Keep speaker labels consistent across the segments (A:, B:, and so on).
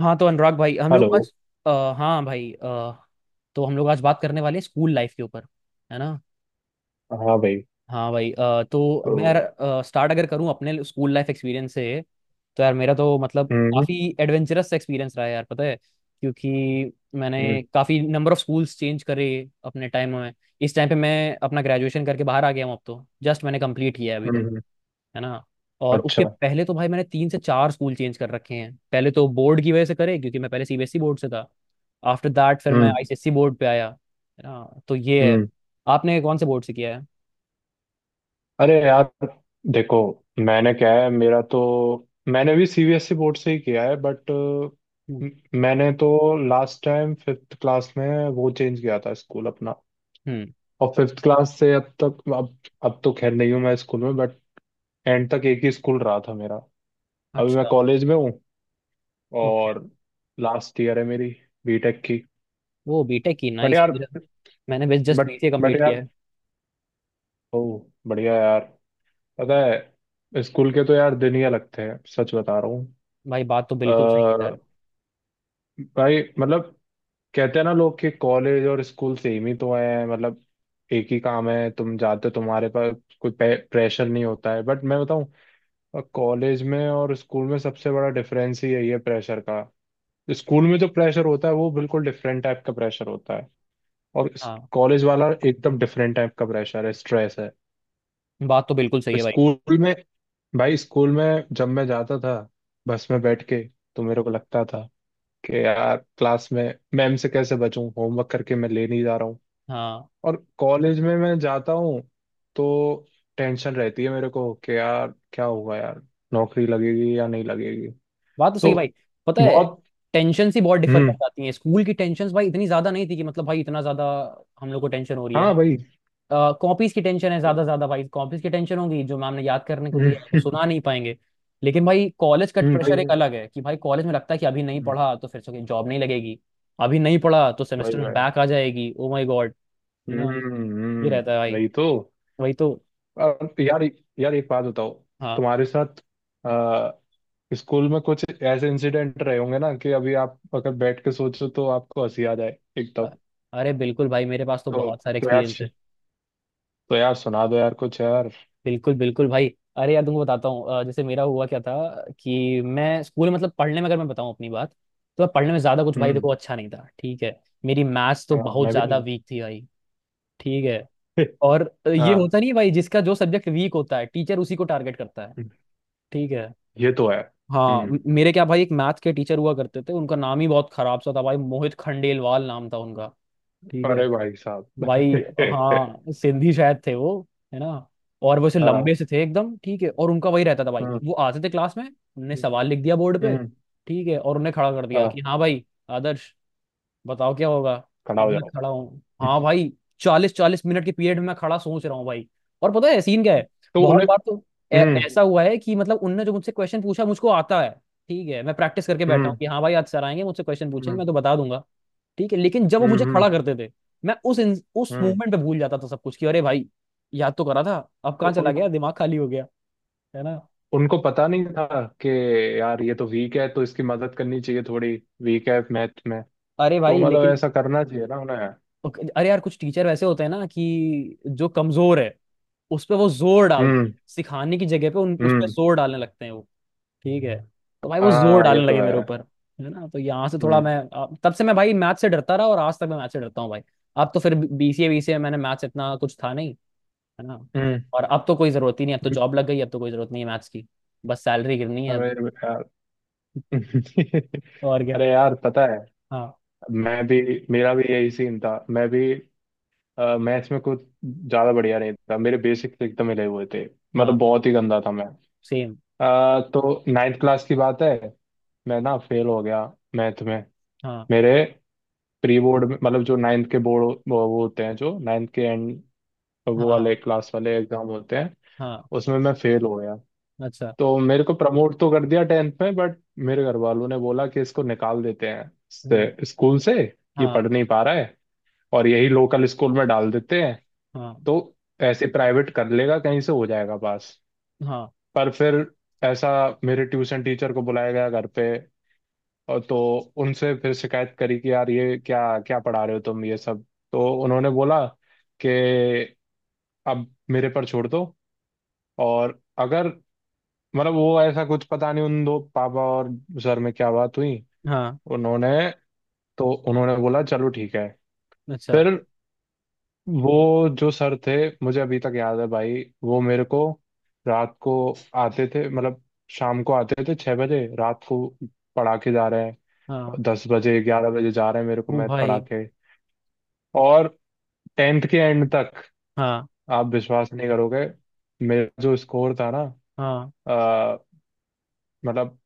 A: हाँ तो अनुराग भाई हम लोग
B: हेलो।
A: आज हाँ भाई तो हम लोग आज बात करने वाले हैं स्कूल लाइफ के ऊपर। है ना।
B: हाँ भाई।
A: हाँ भाई। तो
B: तो
A: मैं यार स्टार्ट अगर करूँ अपने स्कूल लाइफ एक्सपीरियंस से तो यार मेरा तो मतलब
B: हम्म
A: काफ़ी एडवेंचरस एक्सपीरियंस रहा है यार। पता है क्योंकि
B: हम्म
A: मैंने काफ़ी नंबर ऑफ स्कूल्स चेंज करे अपने टाइम में। इस टाइम पे मैं अपना ग्रेजुएशन करके बाहर आ गया हूँ अब तो। जस्ट मैंने कंप्लीट किया है अभी
B: हम्म
A: तो।
B: हम्म,
A: है ना। और
B: अच्छा।
A: उसके पहले तो भाई मैंने 3 से 4 स्कूल चेंज कर रखे हैं। पहले तो बोर्ड की वजह से करे क्योंकि मैं पहले सीबीएसई बोर्ड से था। आफ्टर दैट फिर मैं
B: हम्म
A: आईसीएसई बोर्ड पे आया। है ना तो ये है।
B: हम्म।
A: आपने कौन से बोर्ड से किया है।
B: अरे यार देखो, मैंने क्या है मेरा तो मैंने भी सीबीएसई बोर्ड से ही किया है बट
A: हम्म
B: मैंने तो लास्ट टाइम फिफ्थ क्लास में वो चेंज किया था स्कूल अपना।
A: हम्म,
B: और फिफ्थ क्लास से अब तक अब तो खैर नहीं हूँ मैं स्कूल में, बट एंड तक एक ही स्कूल रहा था मेरा। अभी मैं
A: अच्छा।
B: कॉलेज में हूँ,
A: ओके।
B: और लास्ट ईयर है मेरी बीटेक की।
A: वो बीटेक की
B: बट
A: नाइस।
B: यार
A: मैंने बस just
B: but
A: BCA
B: but
A: complete किया
B: यार
A: है।
B: ओह, बढ़िया
A: हाँ
B: यार। पता है, स्कूल के तो यार दिन ही अलग थे, सच बता रहा हूँ।
A: भाई बात तो बिल्कुल सही है
B: अ,
A: यार।
B: भाई मतलब, कहते हैं ना लोग कि कॉलेज और स्कूल सेम ही तो है, मतलब एक ही काम है, तुम जाते हो, तुम्हारे पास कोई प्रेशर नहीं होता है, बट मैं बताऊँ, कॉलेज में और स्कूल में सबसे बड़ा डिफरेंस ही यही है, प्रेशर का। स्कूल में जो प्रेशर होता है वो बिल्कुल डिफरेंट टाइप का प्रेशर होता है, और
A: हाँ
B: कॉलेज वाला एकदम डिफरेंट टाइप का प्रेशर है, स्ट्रेस है।
A: बात तो बिल्कुल सही है भाई।
B: स्कूल में, भाई स्कूल में जब मैं जाता था बस में बैठ के, तो मेरे को लगता था कि यार क्लास में मैम से कैसे बचूं, होमवर्क करके मैं ले नहीं जा रहा हूँ।
A: हाँ
B: और कॉलेज में मैं जाता हूँ तो टेंशन रहती है मेरे को, कि यार क्या होगा यार, नौकरी लगेगी या नहीं लगेगी।
A: बात तो सही
B: तो
A: है भाई। पता है
B: बहुत।
A: टेंशन ही बहुत डिफर कर
B: हम्म।
A: जाती हैं। स्कूल की टेंशन भाई इतनी ज्यादा नहीं थी कि मतलब भाई इतना ज्यादा हम लोग को टेंशन हो रही है।
B: हाँ भाई।
A: कॉपीज की टेंशन है
B: हम्म।
A: ज्यादा। ज्यादा भाई कॉपीज की टेंशन होगी जो मैम ने याद करने को दिया है वो सुना नहीं पाएंगे। लेकिन भाई कॉलेज का
B: भाई।
A: प्रेशर एक अलग है कि भाई कॉलेज में लगता है कि अभी नहीं
B: हम्म,
A: पढ़ा तो फिर से जॉब नहीं लगेगी। अभी नहीं पढ़ा तो
B: भाई
A: सेमेस्टर में
B: भाई।
A: बैक आ जाएगी। Oh my God. है ना। ये रहता है भाई।
B: वही तो।
A: वही तो।
B: और यार, यार एक बात बताओ,
A: हाँ।
B: तुम्हारे साथ आ, स्कूल में कुछ ऐसे इंसिडेंट रहे होंगे ना कि अभी आप अगर बैठ के सोचो तो आपको हंसी आ जाए
A: अ-
B: एकदम।
A: अरे बिल्कुल भाई मेरे पास तो
B: तो
A: बहुत सारे
B: तो यार
A: एक्सपीरियंस है।
B: तो यार, सुना दो यार कुछ यार।
A: बिल्कुल बिल्कुल भाई। अरे यार तुमको बताता हूँ। जैसे मेरा हुआ क्या था कि मैं स्कूल में मतलब पढ़ने में अगर मैं बताऊँ अपनी बात तो मैं पढ़ने में ज्यादा कुछ भाई
B: हम्म।
A: देखो अच्छा नहीं था। ठीक है। मेरी मैथ्स तो
B: हाँ
A: बहुत
B: मैं भी नहीं
A: ज्यादा
B: हूँ।
A: वीक थी भाई। ठीक है। और ये
B: हाँ,
A: होता नहीं है भाई जिसका जो सब्जेक्ट वीक होता है टीचर उसी को टारगेट करता है। ठीक है।
B: ये तो है।
A: हाँ
B: हम्म।
A: मेरे क्या भाई एक मैथ के टीचर हुआ करते थे। उनका नाम ही बहुत खराब सा था भाई। मोहित खंडेलवाल नाम था उनका। ठीक है
B: अरे भाई साहब।
A: भाई। हाँ सिंधी शायद थे वो। है ना। और वो ऐसे
B: हाँ।
A: लंबे से थे एकदम। ठीक है और उनका वही रहता था भाई
B: हम्म
A: वो आते थे क्लास में। उनने सवाल लिख दिया बोर्ड पे।
B: हम्म।
A: ठीक है और उन्हें खड़ा कर दिया कि
B: हाँ,
A: हाँ भाई आदर्श बताओ क्या होगा।
B: खड़ा
A: अब
B: हो
A: मैं
B: जाओ।
A: खड़ा हूँ हाँ भाई। 40 40 मिनट के पीरियड में मैं खड़ा सोच रहा हूँ भाई। और पता है सीन क्या है।
B: तो
A: बहुत
B: उन्हें।
A: बार तो
B: हम्म
A: ऐसा हुआ है कि मतलब उनने जो मुझसे क्वेश्चन पूछा मुझको आता है। ठीक है। मैं प्रैक्टिस करके बैठा हूँ
B: हम्म
A: कि हाँ भाई आज सर आएंगे मुझसे क्वेश्चन पूछेंगे
B: हम्म
A: मैं तो बता दूंगा। ठीक है लेकिन जब वो
B: हम्म
A: मुझे
B: हम्म
A: खड़ा करते थे मैं उस उस
B: हम्म।
A: मूवमेंट पे भूल जाता था सब कुछ। कि अरे भाई याद तो करा था। अब
B: तो
A: कहाँ चला
B: उन
A: गया। दिमाग खाली हो गया। है ना।
B: उनको पता नहीं था कि यार ये तो वीक है, तो इसकी मदद करनी चाहिए थोड़ी, वीक है मैथ में,
A: अरे
B: तो
A: भाई
B: मतलब
A: लेकिन
B: ऐसा करना चाहिए ना उन्हें।
A: अरे यार कुछ टीचर वैसे होते हैं ना कि जो कमजोर है उस पे वो जोर डाल
B: हम्म
A: सिखाने की जगह पे उन उस पे
B: हम्म।
A: जोर डालने लगते हैं वो। ठीक है। तो भाई वो जोर
B: हाँ, ये
A: डालने
B: तो
A: लगे मेरे
B: है।
A: ऊपर। है ना तो यहाँ से थोड़ा
B: हम्म
A: मैं तब से मैं भाई मैथ से डरता रहा और आज तक मैं मैथ से डरता हूँ भाई। अब तो फिर बीसीए बीसीए में मैंने मैथ्स इतना कुछ था नहीं। है ना।
B: हम्म
A: और अब तो कोई जरूरत ही नहीं। अब तो
B: हम्म,
A: जॉब लग गई। अब तो कोई जरूरत नहीं है मैथ्स की। बस सैलरी गिरनी है
B: अरे
A: अब।
B: यार।
A: और क्या।
B: अरे यार पता है,
A: हाँ
B: मैं भी मेरा भी यही सीन था। मैं भी मैथ्स में कुछ ज्यादा बढ़िया नहीं था, मेरे बेसिक्स एकदम हिले हुए थे,
A: हाँ
B: मतलब बहुत ही गंदा था मैं।
A: सेम।
B: तो नाइन्थ क्लास की बात है, मैं ना फेल हो गया मैथ में।
A: हाँ
B: मेरे प्री बोर्ड में, मतलब जो नाइन्थ के बोर्ड वो होते हैं, जो नाइन्थ के एंड वो
A: हाँ
B: वाले
A: हाँ
B: क्लास वाले एग्जाम होते हैं,
A: हाँ
B: उसमें मैं फेल हो गया।
A: अच्छा।
B: तो मेरे को प्रमोट तो कर दिया टेंथ में, बट मेरे घर वालों ने बोला कि इसको निकाल देते हैं
A: हाँ
B: स्कूल से, ये
A: हाँ
B: पढ़ नहीं पा रहा है, और यही लोकल स्कूल में डाल देते हैं,
A: हाँ
B: तो ऐसे प्राइवेट कर लेगा कहीं से, हो जाएगा पास।
A: हाँ
B: पर फिर ऐसा, मेरे ट्यूशन टीचर को बुलाया गया घर पे, और तो उनसे फिर शिकायत करी कि यार ये क्या, क्या पढ़ा रहे हो तुम ये सब। तो उन्होंने बोला कि अब मेरे पर छोड़ दो, और अगर, मतलब वो ऐसा कुछ पता नहीं, उन दो, पापा और सर में क्या बात हुई।
A: हाँ
B: उन्होंने उन्होंने बोला चलो ठीक है।
A: अच्छा।
B: फिर वो जो सर थे, मुझे अभी तक याद है भाई, वो मेरे को रात को आते थे, मतलब शाम को आते थे 6 बजे, रात को पढ़ा के जा रहे हैं
A: हाँ।
B: 10 बजे, 11 बजे जा रहे हैं, मेरे को
A: वो
B: मैथ पढ़ा
A: भाई।
B: के। और टेंथ के एंड तक,
A: हाँ
B: आप विश्वास नहीं करोगे मेरा जो स्कोर था ना,
A: हाँ
B: आ, मतलब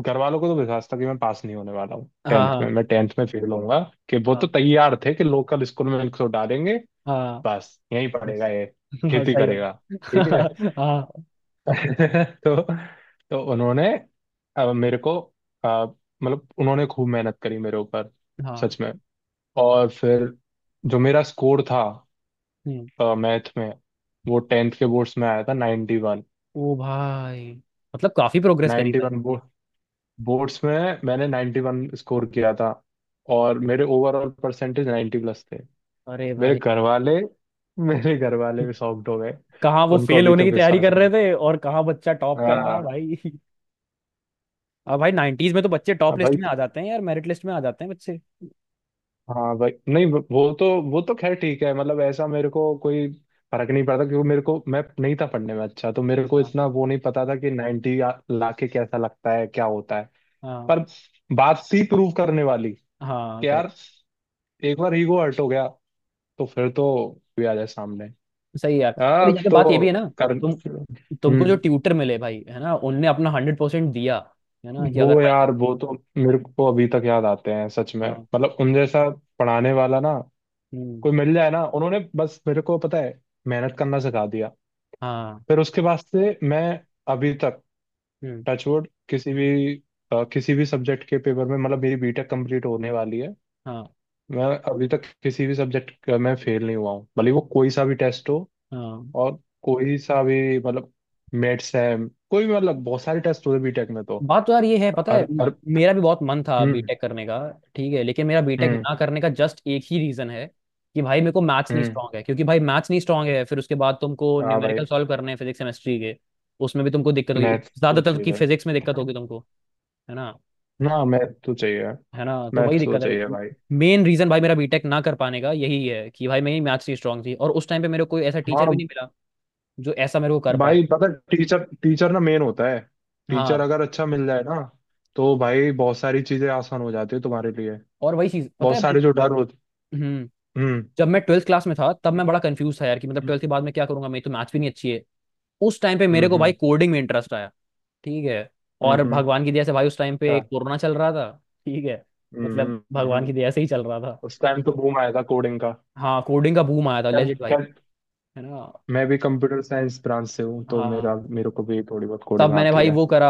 B: घर वालों को तो विश्वास था कि मैं पास नहीं होने वाला हूँ
A: हाँ
B: टेंथ में,
A: हाँ
B: मैं टेंथ में फेल होऊंगा, कि वो तो
A: हाँ
B: तैयार थे कि लोकल स्कूल में इनको डालेंगे,
A: हाँ,
B: बस यहीं पढ़ेगा
A: बस।
B: ये,
A: हाँ
B: खेती
A: सही बात।
B: करेगा, ठीक है।
A: हाँ
B: तो तो उन्होंने मेरे को, अ, मतलब उन्होंने खूब मेहनत करी मेरे ऊपर,
A: हाँ।
B: सच में। और फिर जो मेरा स्कोर था
A: हम्म।
B: मैथ में, वो टेंथ के बोर्ड्स में आया था 91।
A: ओ भाई। मतलब काफी प्रोग्रेस करी भाई।
B: 91 बोर्ड्स में मैंने 91 स्कोर किया था, और मेरे ओवरऑल परसेंटेज 90 प्लस थे।
A: अरे
B: मेरे
A: भाई।
B: घर वाले मेरे घर वाले भी शॉक्ड हो गए,
A: कहाँ वो
B: उनको
A: फेल
B: अभी
A: होने
B: तक
A: की तैयारी
B: विश्वास
A: कर रहे
B: नहीं।
A: थे और कहाँ बच्चा टॉप कर रहा है
B: हाँ।
A: भाई। अब भाई 90s में तो बच्चे
B: हाँ
A: टॉप लिस्ट
B: भाई।
A: में आ जाते हैं यार। मेरिट लिस्ट में आ जाते हैं बच्चे।
B: हाँ भाई, नहीं वो तो, वो तो खैर ठीक है, मतलब ऐसा मेरे को कोई फर्क नहीं पड़ता, क्योंकि मेरे को, मैं नहीं था पढ़ने में अच्छा, तो मेरे को
A: हाँ
B: इतना वो नहीं पता था कि 90 लाके कैसा लगता है, क्या होता है। पर
A: हाँ।
B: बात थी प्रूव करने वाली
A: हाँ
B: कि
A: करेक्ट।
B: यार एक बार ईगो हर्ट हो गया तो फिर तो भी आ जाए सामने,
A: सही है यार। और
B: अब
A: यहाँ पे बात ये भी
B: तो
A: है ना।
B: कर।
A: तुम तुमको जो
B: हम्म।
A: ट्यूटर मिले भाई है ना उनने अपना 100% दिया। है ना कि अगर
B: वो
A: भाई।
B: यार, वो तो मेरे को अभी तक याद आते हैं, सच में।
A: हाँ।
B: मतलब उन जैसा पढ़ाने वाला ना
A: हम्म।
B: कोई मिल जाए ना, उन्होंने बस मेरे को, पता है, मेहनत करना सिखा दिया।
A: हाँ।
B: फिर उसके बाद से मैं, अभी तक
A: हम्म।
B: टचवुड, किसी भी किसी भी सब्जेक्ट के पेपर में, मतलब मेरी बीटेक कंप्लीट होने वाली है,
A: हाँ
B: मैं अभी तक किसी भी सब्जेक्ट का मैं फेल नहीं हुआ हूँ, भले वो कोई सा भी टेस्ट हो,
A: हाँ
B: और कोई सा भी, मतलब मेट्स है, कोई भी, मतलब बहुत सारे टेस्ट होते बीटेक में तो।
A: बात तो यार ये है। पता है
B: अर अर
A: मेरा भी बहुत मन था
B: हम्म
A: बीटेक करने का। ठीक है लेकिन मेरा बीटेक
B: हम्म
A: ना करने का जस्ट एक ही रीजन है कि भाई मेरे को मैथ्स नहीं
B: हम्म।
A: स्ट्रांग है क्योंकि भाई मैथ्स नहीं स्ट्रांग है फिर उसके बाद तुमको
B: हाँ भाई।
A: न्यूमेरिकल सॉल्व करने हैं फिजिक्स केमिस्ट्री के। उसमें भी तुमको दिक्कत होगी।
B: मैथ तो
A: ज्यादातर की
B: चाहिए,
A: फिजिक्स में दिक्कत होगी तुमको। है ना।
B: ना मैथ तो चाहिए,
A: है ना तो वही
B: मैथ तो
A: दिक्कत है।
B: चाहिए भाई।
A: मेन रीजन भाई मेरा बीटेक ना कर पाने का यही है कि भाई मेरी मैथ्स नहीं स्ट्रांग थी और उस टाइम पे मेरे को कोई ऐसा टीचर भी
B: हाँ
A: नहीं मिला जो ऐसा मेरे को कर पाए।
B: भाई, पता, टीचर, टीचर ना मेन होता है। टीचर
A: हाँ
B: अगर अच्छा मिल जाए ना, तो भाई बहुत सारी चीजें आसान हो जाती है तुम्हारे लिए,
A: और वही चीज पता
B: बहुत
A: है
B: सारे जो डर होते।
A: हम्म।
B: हम्म
A: जब मैं ट्वेल्थ क्लास में था तब मैं बड़ा कंफ्यूज था यार कि मतलब
B: हम्म
A: ट्वेल्थ के बाद मैं क्या करूंगा मेरी तो मैथ्स भी नहीं अच्छी है। उस टाइम पे मेरे
B: हम्म
A: को भाई
B: हम्म।
A: कोडिंग में इंटरेस्ट आया। ठीक है। और
B: हम्म।
A: भगवान की दया से भाई उस टाइम पे
B: अच्छा।
A: कोरोना चल रहा था। ठीक है।
B: हम्म
A: मतलब भगवान की
B: हम्म।
A: दया से ही चल रहा था।
B: उस टाइम तो बूम आया था कोडिंग का।
A: हाँ कोडिंग का बूम आया था
B: खैर
A: लेजिट भाई।
B: खैर।
A: है ना।
B: मैं भी कंप्यूटर साइंस ब्रांच से हूँ तो
A: हाँ।
B: मेरा मेरे को भी थोड़ी बहुत
A: तब
B: कोडिंग
A: मैंने
B: आती
A: भाई
B: है।
A: वो करा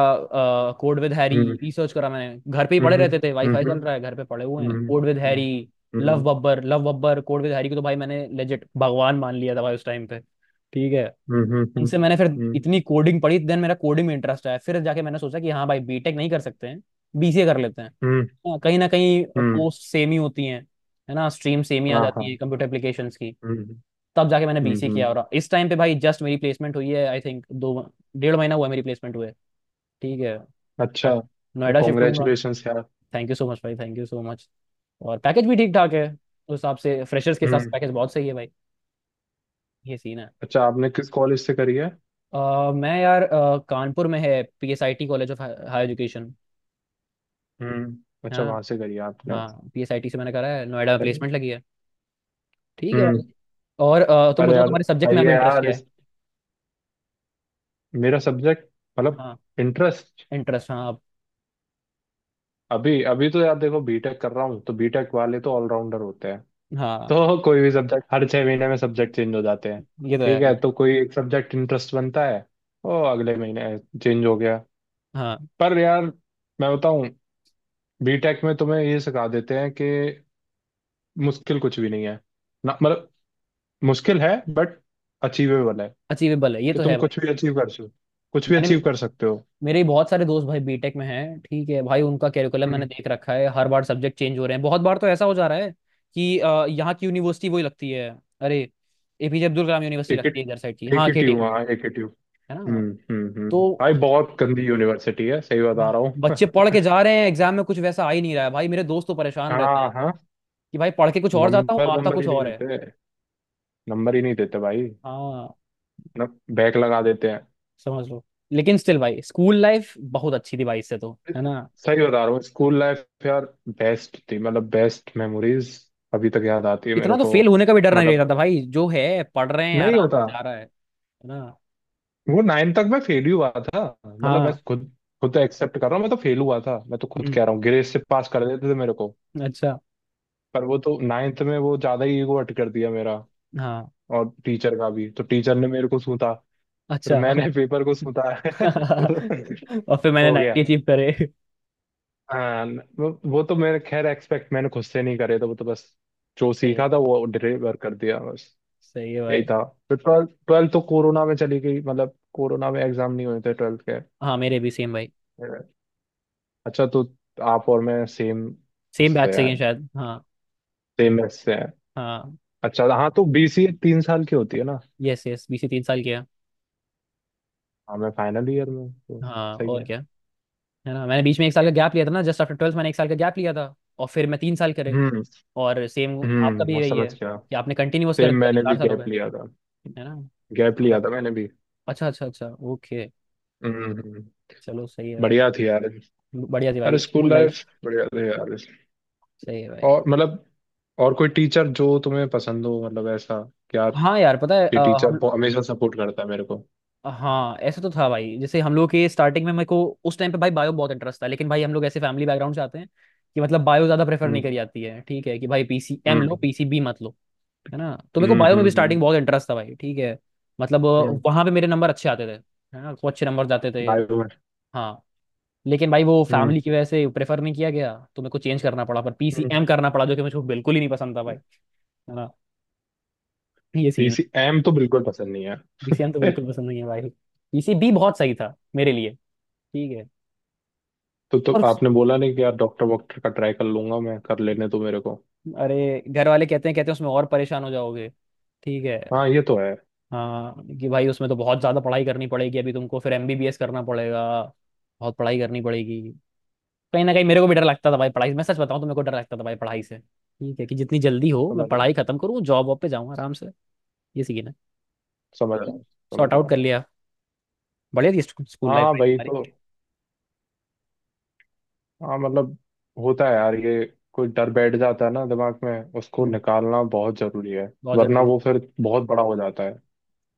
A: कोड विद हैरी।
B: हम्म
A: रिसर्च करा मैंने। घर पे ही पड़े
B: हम्म
A: रहते थे। वाईफाई चल
B: हम्म
A: रहा है। घर पे पड़े हुए
B: हम्म
A: हैं code with Harry.
B: Hmm hmm
A: love Babbar code with Harry को तो भाई मैंने लेजिट भगवान मान लिया था भाई उस टाइम पे। ठीक है।
B: हम्म हम्म
A: उनसे मैंने फिर
B: हम्म
A: इतनी कोडिंग पढ़ी। देन मेरा कोडिंग में इंटरेस्ट आया। फिर जाके मैंने सोचा कि हाँ भाई बीटेक नहीं कर सकते हैं बीसीए कर लेते हैं।
B: हम्म
A: हाँ, कहीं ना कहीं
B: हम्म,
A: पोस्ट सेम ही होती हैं। है ना। स्ट्रीम सेम ही आ
B: हाँ
A: जाती है
B: हाँ।
A: कंप्यूटर एप्लीकेशंस की।
B: हम्म
A: तब जाके मैंने
B: हम्म
A: बीसी
B: हम्म।
A: किया और इस टाइम पे भाई जस्ट मेरी प्लेसमेंट हुई है। आई थिंक दो डेढ़ महीना हुआ है मेरी प्लेसमेनट हुए। ठीक है।
B: अच्छा।
A: नोएडा शिफ्ट होऊंगा।
B: कॉन्ग्रेचुलेशंस यार।
A: थैंक यू सो मच भाई। Thank you so much. और पैकेज भी ठीक ठाक है उस हिसाब से। फ्रेशर्स के हिसाब से
B: हम्म।
A: पैकेज बहुत सही है भाई। ये सीन है।
B: अच्छा, आपने किस कॉलेज से करी है।
A: अ, मैं यार कानपुर में है PSIT college of higher education.
B: हम्म। अच्छा,
A: हाँ।
B: वहां से करी है आपने।
A: हाँ पीएसआईटी से मैंने करा है। नोएडा में प्लेसमेंट लगी है। ठीक है भाई।
B: हम्म।
A: और तुम
B: अरे
A: बताओ
B: यार,
A: तुम्हारे सब्जेक्ट में
B: सही
A: अभी
B: है
A: इंटरेस्ट
B: यार।
A: क्या है।
B: मेरा सब्जेक्ट मतलब
A: हाँ
B: इंटरेस्ट
A: इंटरेस्ट। हाँ
B: अभी अभी तो यार देखो, बीटेक कर रहा हूँ तो बीटेक वाले तो ऑलराउंडर होते हैं,
A: हाँ
B: तो कोई भी सब्जेक्ट, हर 6 महीने में सब्जेक्ट चेंज हो जाते हैं,
A: ये तो
B: ठीक
A: है।
B: है, तो कोई एक सब्जेक्ट इंटरेस्ट बनता है, वो अगले महीने चेंज हो गया।
A: हाँ
B: पर यार मैं बताऊं, बीटेक में तुम्हें ये सिखा देते हैं कि मुश्किल कुछ भी नहीं है, ना मतलब मुश्किल है बट अचीवेबल है,
A: अचीवेबल है। ये
B: कि
A: तो
B: तुम
A: है भाई।
B: कुछ भी अचीव कर सकते हो, कुछ भी
A: मैंने
B: अचीव
A: भी
B: कर सकते हो।
A: मेरे भी बहुत सारे दोस्त भाई बीटेक में हैं। ठीक है भाई उनका कैरिकुलम मैंने
B: हम्म।
A: देख रखा है। हर बार सब्जेक्ट चेंज हो रहे हैं। बहुत बार तो ऐसा हो जा रहा है कि यहाँ की यूनिवर्सिटी वही लगती है। अरे एपीजे अब्दुल कलाम यूनिवर्सिटी
B: एक ही
A: लगती है इधर साइड की। हाँ
B: एक ही ट्यू
A: केटीयू।
B: हाँ एक ही।
A: है ना
B: हम्म।
A: तो
B: भाई बहुत गंदी यूनिवर्सिटी है, सही बता
A: ब-
B: रहा हूँ।
A: बच्चे पढ़ के जा रहे हैं एग्जाम में कुछ वैसा आ ही नहीं रहा है भाई। मेरे दोस्त तो परेशान रहते हैं
B: हाँ हाँ।
A: कि भाई पढ़ के कुछ और जाता हूँ
B: नंबर
A: आता
B: नंबर
A: कुछ
B: ही नहीं
A: और है।
B: देते, नंबर ही नहीं देते भाई।
A: हाँ
B: न बैक लगा देते हैं।
A: समझ लो। लेकिन स्टिल भाई स्कूल लाइफ बहुत अच्छी थी भाई इससे तो। है ना।
B: सही बता रहा हूँ, स्कूल लाइफ यार बेस्ट थी, मतलब बेस्ट मेमोरीज अभी तक याद आती है
A: इतना
B: मेरे
A: तो
B: को।
A: फेल होने का भी डर नहीं
B: मतलब
A: रहता था भाई। जो है पढ़ रहे हैं
B: नहीं
A: आराम
B: होता।
A: से जा रहा है। है ना।
B: वो नाइन तक मैं फेल ही हुआ था, मतलब मैं
A: हाँ।
B: खुद खुद एक्सेप्ट कर रहा हूँ, मैं तो फेल हुआ था, मैं तो खुद
A: हम्म,
B: कह रहा हूँ, ग्रेड से पास कर देते थे मेरे को।
A: अच्छा।
B: पर वो तो नाइन्थ में वो ज्यादा ही ईगो हर्ट कर दिया मेरा,
A: हाँ
B: और टीचर का भी। तो टीचर ने मेरे को सूता, फिर
A: अच्छा।
B: मैंने पेपर को सूता।
A: और फिर मैंने
B: हो गया।
A: 90 अचीव करे।
B: हाँ वो तो मैंने खैर, एक्सपेक्ट मैंने खुद से नहीं करे थे, वो तो बस जो
A: सही है।
B: सीखा था वो डिलीवर कर दिया बस,
A: सही है भाई।
B: यही था। फिर ट्वेल्थ ट्वेल्थ तो कोरोना में चली गई, मतलब कोरोना में एग्जाम नहीं हुए थे ट्वेल्थ के।
A: हाँ मेरे भी सेम भाई।
B: अच्छा, तो आप और मैं सेम
A: सेम बैच
B: उससे
A: से ही
B: हैं,
A: हैं शायद। हाँ
B: सेम मैच से हैं।
A: हाँ।
B: अच्छा, हाँ तो बीसीए 3 साल की होती है ना,
A: यस यस बीसी 3 साल किया।
B: हाँ मैं फाइनल ईयर में हूँ, तो।
A: हाँ
B: सही
A: और
B: है।
A: क्या। है ना मैंने बीच में 1 साल का गैप लिया था ना जस्ट आफ्टर ट्वेल्थ मैंने 1 साल का गैप लिया था। और फिर मैं 3 साल करे।
B: हम्म
A: और सेम आपका
B: हम्म,
A: भी
B: मैं
A: यही है
B: समझ गया,
A: कि आपने कंटिन्यूअस कर
B: सेम
A: दिया तो
B: मैंने भी
A: 4 साल हो गए।
B: गैप लिया था,
A: है ना।
B: गैप लिया था
A: अच्छा
B: मैंने भी।
A: अच्छा अच्छा अच्छा। ओके।
B: हम्म हम्म।
A: चलो सही है भाई।
B: बढ़िया थी यार।
A: बढ़िया थी
B: अरे
A: भाई
B: स्कूल
A: स्कूल लाइफ।
B: लाइफ बढ़िया थी यार।
A: सही है भाई।
B: और मतलब, और कोई टीचर जो तुम्हें पसंद हो, मतलब ऐसा कि यार
A: हाँ यार पता है
B: ये टीचर
A: हम।
B: हमेशा सपोर्ट करता है मेरे को।
A: हाँ ऐसा तो था भाई जैसे हम लोग के स्टार्टिंग में मेरे को उस टाइम पे भाई बायो बहुत इंटरेस्ट था लेकिन भाई हम लोग ऐसे फैमिली बैकग्राउंड से आते हैं कि मतलब बायो ज़्यादा प्रेफर नहीं
B: हम्म
A: करी जाती है। ठीक है कि भाई पीसीएम लो
B: हम्म
A: पीसीबी मत लो। है ना तो मेरे को
B: हम्म
A: बायो में
B: हम्म
A: भी
B: हम्म,
A: स्टार्टिंग
B: हम्म।
A: बहुत इंटरेस्ट था भाई। ठीक है। मतलब
B: हम्म,
A: वहां पे मेरे नंबर अच्छे आते थे। है ना तो अच्छे नंबर जाते थे।
B: भाई बहन।
A: हाँ लेकिन भाई वो
B: हम्म
A: फैमिली की वजह से प्रेफर नहीं किया गया तो मेरे को चेंज करना पड़ा पर
B: हम्म।
A: पीसीएम करना पड़ा जो कि मुझे बिल्कुल ही नहीं पसंद था भाई। है ना। ये सीन है।
B: पीसी एम तो बिल्कुल पसंद नहीं है।
A: पीसीएम तो बिल्कुल
B: ए,
A: पसंद नहीं है भाई। पीसीबी बहुत सही था मेरे लिए। ठीक है।
B: तो
A: और
B: आपने बोला नहीं कि यार डॉक्टर वॉक्टर का ट्राई कर लूंगा, मैं कर लेने तो मेरे को।
A: अरे घर वाले कहते हैं उसमें और परेशान हो जाओगे। ठीक है।
B: हाँ ये तो है।
A: हाँ कि भाई उसमें तो बहुत ज्यादा पढ़ाई करनी पड़ेगी अभी तुमको। फिर एमबीबीएस करना पड़ेगा। बहुत पढ़ाई करनी पड़ेगी। कहीं ना कहीं मेरे को भी डर लगता था भाई पढ़ाई से। मैं सच बताऊं तो मेरे को डर लगता था भाई पढ़ाई से। ठीक है। कि जितनी जल्दी हो मैं
B: समझ रहा
A: पढ़ाई
B: हूँ,
A: खत्म करूँ जॉब वॉब पे जाऊँ आराम से। ये सीखना
B: समझ रहा
A: है।
B: हूँ, समझ
A: सॉर्ट आउट
B: रहा
A: कर
B: हूँ।
A: लिया। बढ़िया थी स्कूल लाइफ
B: हाँ
A: भाई
B: भाई
A: तुम्हारी
B: तो,
A: भी।
B: हाँ मतलब, होता है यार ये, कोई डर बैठ जाता है ना दिमाग में, उसको
A: हम्म,
B: निकालना बहुत जरूरी है,
A: बहुत
B: वरना
A: जरूरी है।
B: वो फिर बहुत बड़ा हो जाता है।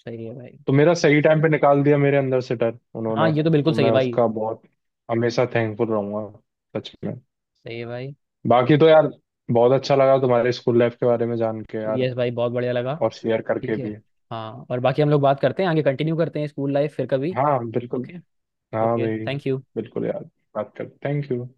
A: सही है भाई।
B: तो मेरा सही टाइम पे निकाल दिया मेरे अंदर से डर
A: हाँ
B: उन्होंने,
A: ये तो बिल्कुल
B: तो
A: सही
B: मैं
A: है भाई।
B: उसका बहुत हमेशा थैंकफुल रहूंगा, सच में।
A: सही है भाई।
B: बाकी तो यार, बहुत अच्छा लगा तुम्हारे स्कूल लाइफ के बारे में जान के यार,
A: यस भाई बहुत बढ़िया लगा।
B: और शेयर करके
A: ठीक है।
B: भी।
A: हाँ और बाकी हम लोग बात करते हैं आगे कंटिन्यू करते हैं स्कूल लाइफ फिर कभी।
B: हाँ बिल्कुल।
A: ओके।
B: हाँ
A: ओके
B: भाई।
A: Thank you.
B: बिल्कुल यार। बात कर थैंक यू।